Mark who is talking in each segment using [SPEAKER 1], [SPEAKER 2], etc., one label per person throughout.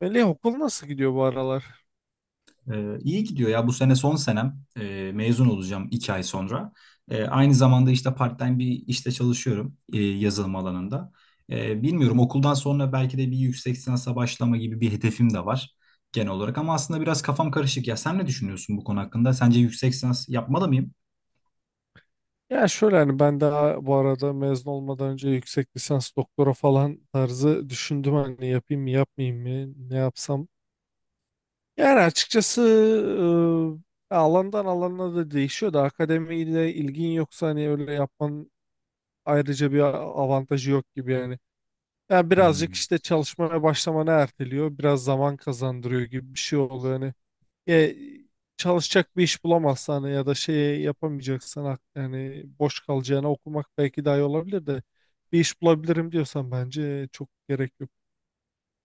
[SPEAKER 1] Melih okul nasıl gidiyor bu aralar?
[SPEAKER 2] İyi gidiyor ya, bu sene son senem. Mezun olacağım 2 ay sonra. Aynı zamanda işte part-time bir işte çalışıyorum, yazılım alanında. Bilmiyorum, okuldan sonra belki de bir yüksek lisansa başlama gibi bir hedefim de var genel olarak, ama aslında biraz kafam karışık ya. Sen ne düşünüyorsun bu konu hakkında? Sence yüksek lisans yapmalı mıyım?
[SPEAKER 1] Ya şöyle, hani ben daha bu arada mezun olmadan önce yüksek lisans doktora falan tarzı düşündüm, hani yapayım mı yapmayayım mı, ne yapsam. Yani açıkçası, alandan alana da değişiyor da, akademiyle ilgin yoksa hani öyle yapman ayrıca bir avantajı yok gibi yani. Yani birazcık
[SPEAKER 2] Hmm.
[SPEAKER 1] işte çalışmaya başlamanı erteliyor, biraz zaman kazandırıyor gibi bir şey oluyor. Hani e, çalışacak bir iş bulamazsan ya da şey yapamayacaksan, yani boş kalacağına okumak belki daha iyi olabilir de, bir iş bulabilirim diyorsan bence çok gerek yok.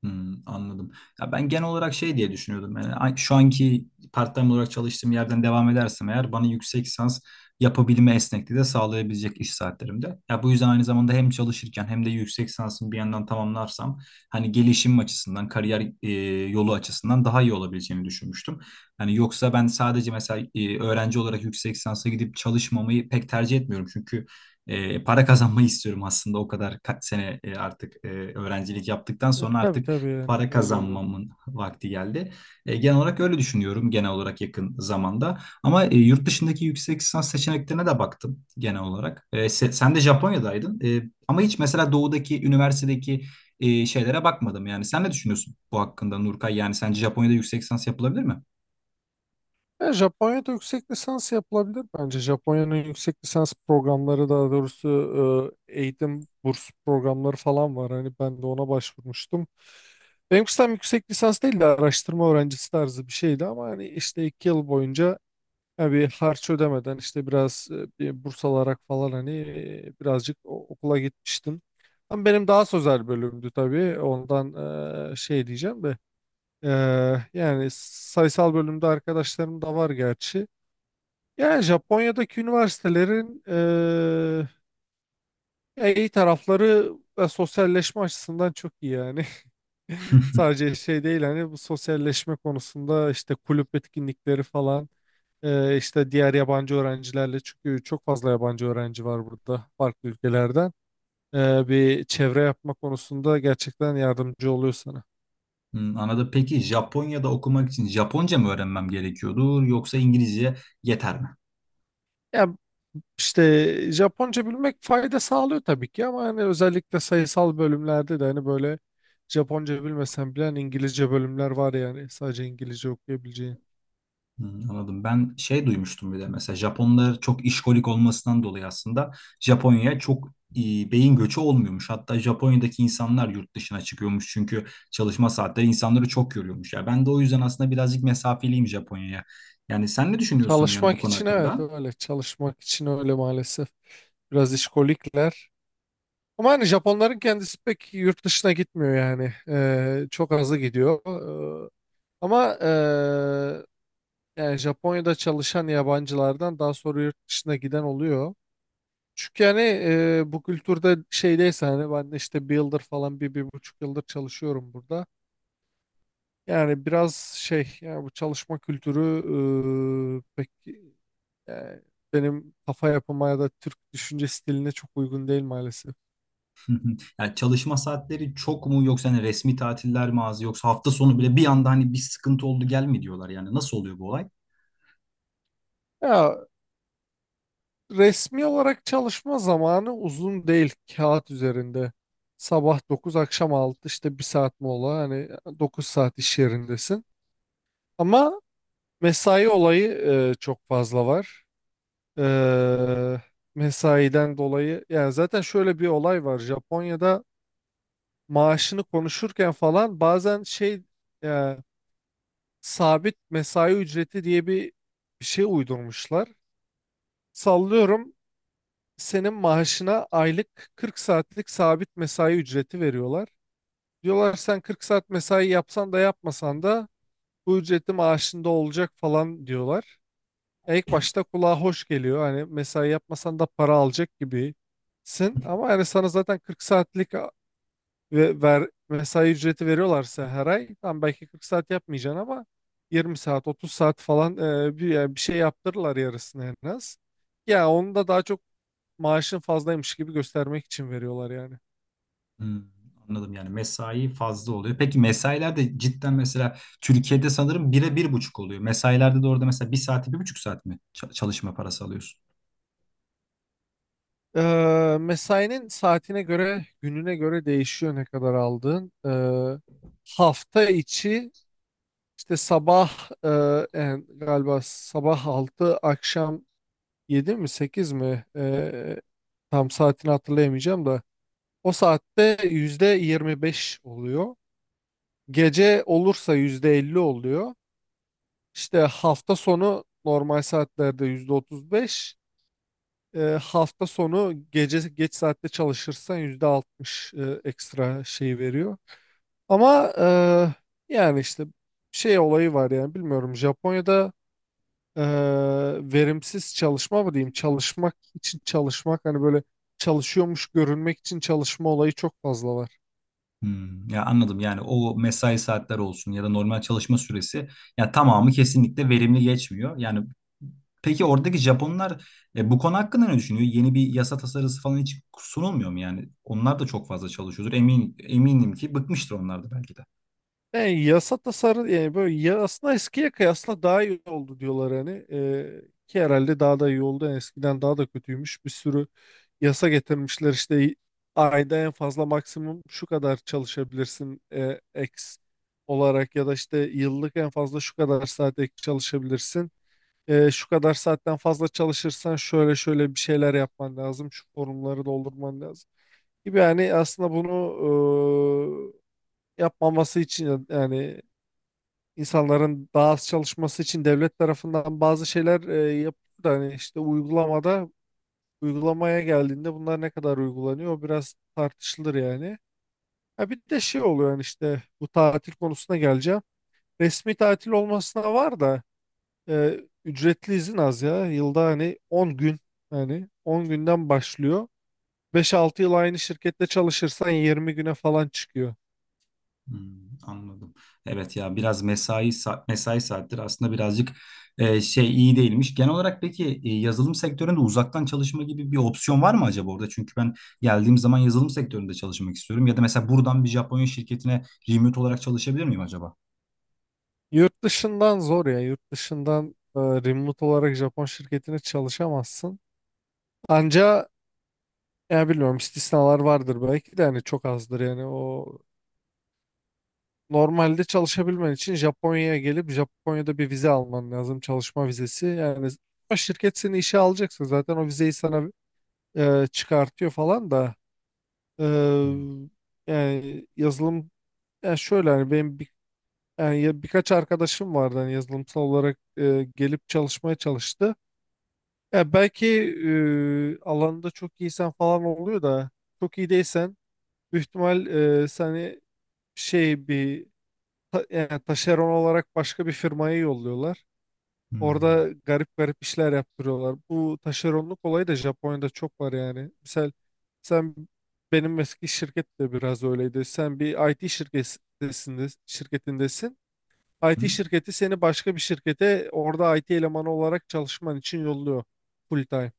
[SPEAKER 2] Hmm, anladım. Ya ben genel olarak şey diye düşünüyordum. Yani şu anki part-time olarak çalıştığım yerden devam edersem eğer bana yüksek lisans yapabilme esnekliği de sağlayabilecek iş saatlerimde. Ya bu yüzden aynı zamanda hem çalışırken hem de yüksek lisansımı bir yandan tamamlarsam hani gelişim açısından, kariyer yolu açısından daha iyi olabileceğini düşünmüştüm. Yani yoksa ben sadece mesela öğrenci olarak yüksek lisansa gidip çalışmamayı pek tercih etmiyorum. Çünkü para kazanmayı istiyorum aslında, o kadar kaç sene artık öğrencilik yaptıktan sonra
[SPEAKER 1] Tabii
[SPEAKER 2] artık
[SPEAKER 1] tabii, yani
[SPEAKER 2] para
[SPEAKER 1] öyle oluyor.
[SPEAKER 2] kazanmamın vakti geldi. Genel olarak öyle düşünüyorum, genel olarak yakın zamanda. Ama yurt dışındaki yüksek lisans seçeneklerine de baktım genel olarak. Sen de Japonya'daydın. Ama hiç mesela doğudaki üniversitedeki şeylere bakmadım. Yani sen ne düşünüyorsun bu hakkında, Nurkay? Yani sence Japonya'da yüksek lisans yapılabilir mi?
[SPEAKER 1] Japonya'da yüksek lisans yapılabilir bence. Japonya'nın yüksek lisans programları, daha doğrusu eğitim burs programları falan var. Hani ben de ona başvurmuştum. Benimkisi tam yüksek lisans değil de araştırma öğrencisi tarzı bir şeydi, ama hani işte 2 yıl boyunca, ya bir harç ödemeden, işte biraz bir burs alarak falan, hani birazcık okula gitmiştim. Ama benim daha sözel bölümdü tabii. Ondan şey diyeceğim de, e, yani sayısal bölümde arkadaşlarım da var gerçi. Yani Japonya'daki üniversitelerin ya iyi tarafları ve sosyalleşme açısından çok iyi yani. Sadece şey değil, hani bu sosyalleşme konusunda işte kulüp etkinlikleri falan, işte diğer yabancı öğrencilerle, çünkü çok fazla yabancı öğrenci var burada farklı ülkelerden. Bir çevre yapma konusunda gerçekten yardımcı oluyor sana.
[SPEAKER 2] Hmm, anladım. Peki Japonya'da okumak için Japonca mı öğrenmem gerekiyordur, yoksa İngilizce yeter mi?
[SPEAKER 1] Ya işte Japonca bilmek fayda sağlıyor tabii ki, ama hani özellikle sayısal bölümlerde de hani böyle, Japonca bilmesen bile hani İngilizce bölümler var, yani sadece İngilizce okuyabileceğin.
[SPEAKER 2] Hmm, anladım. Ben şey duymuştum, bir de mesela Japonlar çok işkolik olmasından dolayı aslında Japonya'ya çok e, beyin göçü olmuyormuş. Hatta Japonya'daki insanlar yurt dışına çıkıyormuş çünkü çalışma saatleri insanları çok yoruyormuş. Ya ben de o yüzden aslında birazcık mesafeliyim Japonya'ya. Yani sen ne düşünüyorsun, yani bu
[SPEAKER 1] Çalışmak
[SPEAKER 2] konu
[SPEAKER 1] için evet,
[SPEAKER 2] hakkında?
[SPEAKER 1] öyle. Çalışmak için öyle maalesef. Biraz işkolikler. Ama hani Japonların kendisi pek yurt dışına gitmiyor yani. Çok azı gidiyor. Ee, ama yani Japonya'da çalışan yabancılardan daha sonra yurt dışına giden oluyor. Çünkü yani bu kültürde şeydeyse, hani ben de işte bir yıldır falan, bir buçuk yıldır çalışıyorum burada. Yani biraz şey, yani bu çalışma kültürü ee, pek, yani benim kafa yapıma ya da Türk düşünce stiline çok uygun değil maalesef.
[SPEAKER 2] Yani çalışma saatleri çok mu, yoksa hani resmi tatiller mi az, yoksa hafta sonu bile bir anda hani bir sıkıntı oldu gelme diyorlar, yani nasıl oluyor bu olay?
[SPEAKER 1] Ya resmi olarak çalışma zamanı uzun değil, kağıt üzerinde. Sabah dokuz, akşam altı, işte 1 saat mola, hani 9 saat iş yerindesin. Ama mesai olayı çok fazla var. E, Mesaiden dolayı yani zaten şöyle bir olay var. Japonya'da maaşını konuşurken falan, bazen şey, e, sabit mesai ücreti diye bir, şey uydurmuşlar. Sallıyorum, senin maaşına aylık 40 saatlik sabit mesai ücreti veriyorlar. Diyorlar sen 40 saat mesai yapsan da yapmasan da bu ücreti maaşında olacak falan diyorlar. İlk başta kulağa hoş geliyor. Hani mesai yapmasan da para alacak gibisin. Ama yani sana zaten 40 saatlik ve mesai ücreti veriyorlarsa, her ay tam belki 40 saat yapmayacaksın ama 20 saat 30 saat falan, yani bir şey yaptırırlar, yarısını en az. Ya onu da daha çok maaşın fazlaymış gibi göstermek için veriyorlar yani.
[SPEAKER 2] Hmm, anladım, yani mesai fazla oluyor. Peki mesailer de cidden, mesela Türkiye'de sanırım bire bir buçuk oluyor. Mesailerde de orada mesela bir saati bir buçuk saat mi çalışma parası alıyorsun?
[SPEAKER 1] Mesainin saatine göre, gününe göre değişiyor ne kadar aldığın. Hafta içi, işte sabah, yani galiba sabah altı, akşam 7 mi 8 mi, tam saatini hatırlayamayacağım da. O saatte %25 oluyor. Gece olursa %50 oluyor. İşte hafta sonu normal saatlerde %35. Hafta sonu gece geç saatte çalışırsan %60 ekstra şey veriyor. Ama yani işte şey olayı var, yani bilmiyorum, Japonya'da e, verimsiz çalışma mı diyeyim, çalışmak için çalışmak, hani böyle çalışıyormuş görünmek için çalışma olayı çok fazla var.
[SPEAKER 2] Hmm, ya anladım, yani o mesai saatler olsun ya da normal çalışma süresi, ya tamamı kesinlikle verimli geçmiyor. Yani peki oradaki Japonlar bu konu hakkında ne düşünüyor? Yeni bir yasa tasarısı falan hiç sunulmuyor mu yani? Onlar da çok fazla çalışıyordur. Eminim ki bıkmıştır onlar da belki de.
[SPEAKER 1] Yani yasa tasarı, yani böyle ya, aslında eskiye kıyasla daha iyi oldu diyorlar hani, ki herhalde daha da iyi oldu. Yani eskiden daha da kötüymüş, bir sürü yasa getirmişler. İşte ayda en fazla maksimum şu kadar çalışabilirsin X olarak, ya da işte yıllık en fazla şu kadar saat ek çalışabilirsin. Şu kadar saatten fazla çalışırsan şöyle şöyle bir şeyler yapman lazım, şu formları doldurman lazım gibi. Yani aslında bunu yapmaması için, yani insanların daha az çalışması için devlet tarafından bazı şeyler yapılıyor da, hani işte uygulamada, uygulamaya geldiğinde bunlar ne kadar uygulanıyor o biraz tartışılır yani. Ha bir de şey oluyor, yani işte bu tatil konusuna geleceğim. Resmi tatil olmasına var da, ücretli izin az ya. Yılda hani 10 gün, hani 10 günden başlıyor. 5-6 yıl aynı şirkette çalışırsan 20 güne falan çıkıyor.
[SPEAKER 2] Hmm, anladım. Evet ya, biraz mesai mesai saatleri aslında birazcık şey iyi değilmiş. Genel olarak peki yazılım sektöründe uzaktan çalışma gibi bir opsiyon var mı acaba orada? Çünkü ben geldiğim zaman yazılım sektöründe çalışmak istiyorum. Ya da mesela buradan bir Japonya şirketine remote olarak çalışabilir miyim acaba?
[SPEAKER 1] Yurt dışından zor ya. Yurt dışından remote olarak Japon şirketine çalışamazsın. Anca, ya bilmiyorum, istisnalar vardır belki de, yani çok azdır yani. O normalde çalışabilmen için Japonya'ya gelip Japonya'da bir vize alman lazım, çalışma vizesi. Yani o şirket seni işe alacaksa zaten o vizeyi sana çıkartıyor falan da. e,
[SPEAKER 2] Hmm,
[SPEAKER 1] Yani yazılım, yani şöyle hani benim bir, yani birkaç arkadaşım vardı hani, yazılımsal olarak gelip çalışmaya çalıştı. Ya belki, alanında çok iyisen falan oluyor da, çok iyi değilsen büyük ihtimal seni şey, bir yani taşeron olarak başka bir firmaya yolluyorlar.
[SPEAKER 2] hmm,
[SPEAKER 1] Orada garip garip işler yaptırıyorlar. Bu taşeronluk olayı da Japonya'da çok var yani. Misal sen, benim eski şirket de biraz öyleydi. Sen bir IT şirketindesin. IT
[SPEAKER 2] hmm,
[SPEAKER 1] şirketi seni başka bir şirkete, orada IT elemanı olarak çalışman için yolluyor, full time.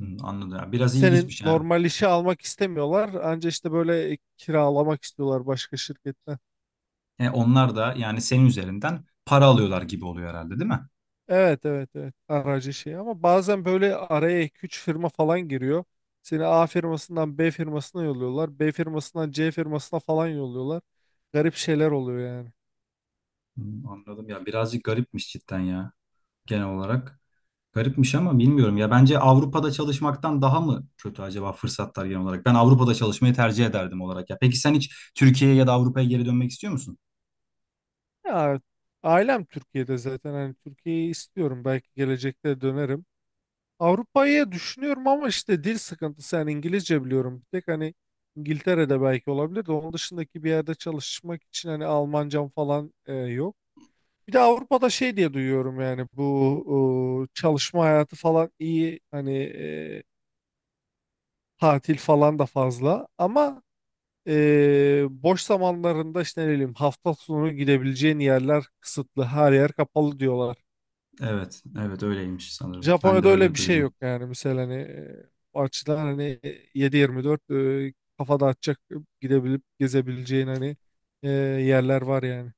[SPEAKER 2] hmm, anladım. Ya, biraz
[SPEAKER 1] Senin
[SPEAKER 2] ilginçmiş yani.
[SPEAKER 1] normal işi almak istemiyorlar. Anca işte böyle kiralamak istiyorlar başka şirketten.
[SPEAKER 2] Onlar da yani senin üzerinden para alıyorlar gibi oluyor herhalde, değil mi?
[SPEAKER 1] Evet, evet, evet, aracı şey. Ama bazen böyle araya 2-3 firma falan giriyor. Seni A firmasından B firmasına yolluyorlar, B firmasından C firmasına falan yolluyorlar. Garip şeyler oluyor yani.
[SPEAKER 2] Hmm, anladım ya. Birazcık garipmiş cidden ya, genel olarak. Garipmiş, ama bilmiyorum ya, bence Avrupa'da çalışmaktan daha mı kötü acaba fırsatlar genel olarak? Ben Avrupa'da çalışmayı tercih ederdim olarak ya. Peki sen hiç Türkiye'ye ya da Avrupa'ya geri dönmek istiyor musun?
[SPEAKER 1] Ya, ailem Türkiye'de zaten, hani Türkiye'yi istiyorum. Belki gelecekte dönerim. Avrupa'yı düşünüyorum ama işte dil sıkıntısı, yani İngilizce biliyorum. Bir tek hani İngiltere'de belki olabilir de, onun dışındaki bir yerde çalışmak için hani Almancam falan yok. Bir de Avrupa'da şey diye duyuyorum, yani bu çalışma hayatı falan iyi hani, tatil falan da fazla ama boş zamanlarında işte ne bileyim, hafta sonu gidebileceğin yerler kısıtlı, her yer kapalı diyorlar.
[SPEAKER 2] Evet, evet, öyleymiş sanırım. Ben de
[SPEAKER 1] Japonya'da
[SPEAKER 2] öyle
[SPEAKER 1] öyle bir şey
[SPEAKER 2] duydum.
[SPEAKER 1] yok yani. Mesela hani o açıdan hani 7-24, kafada açacak, gidebilip gezebileceğin, hani yerler var yani.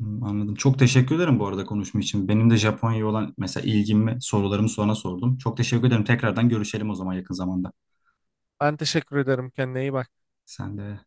[SPEAKER 2] Hmm, anladım. Çok teşekkür ederim bu arada konuşma için. Benim de Japonya'ya olan mesela ilgimi, sorularımı sonra sordum. Çok teşekkür ederim. Tekrardan görüşelim o zaman yakın zamanda.
[SPEAKER 1] Ben teşekkür ederim. Kendine iyi bak.
[SPEAKER 2] Sen de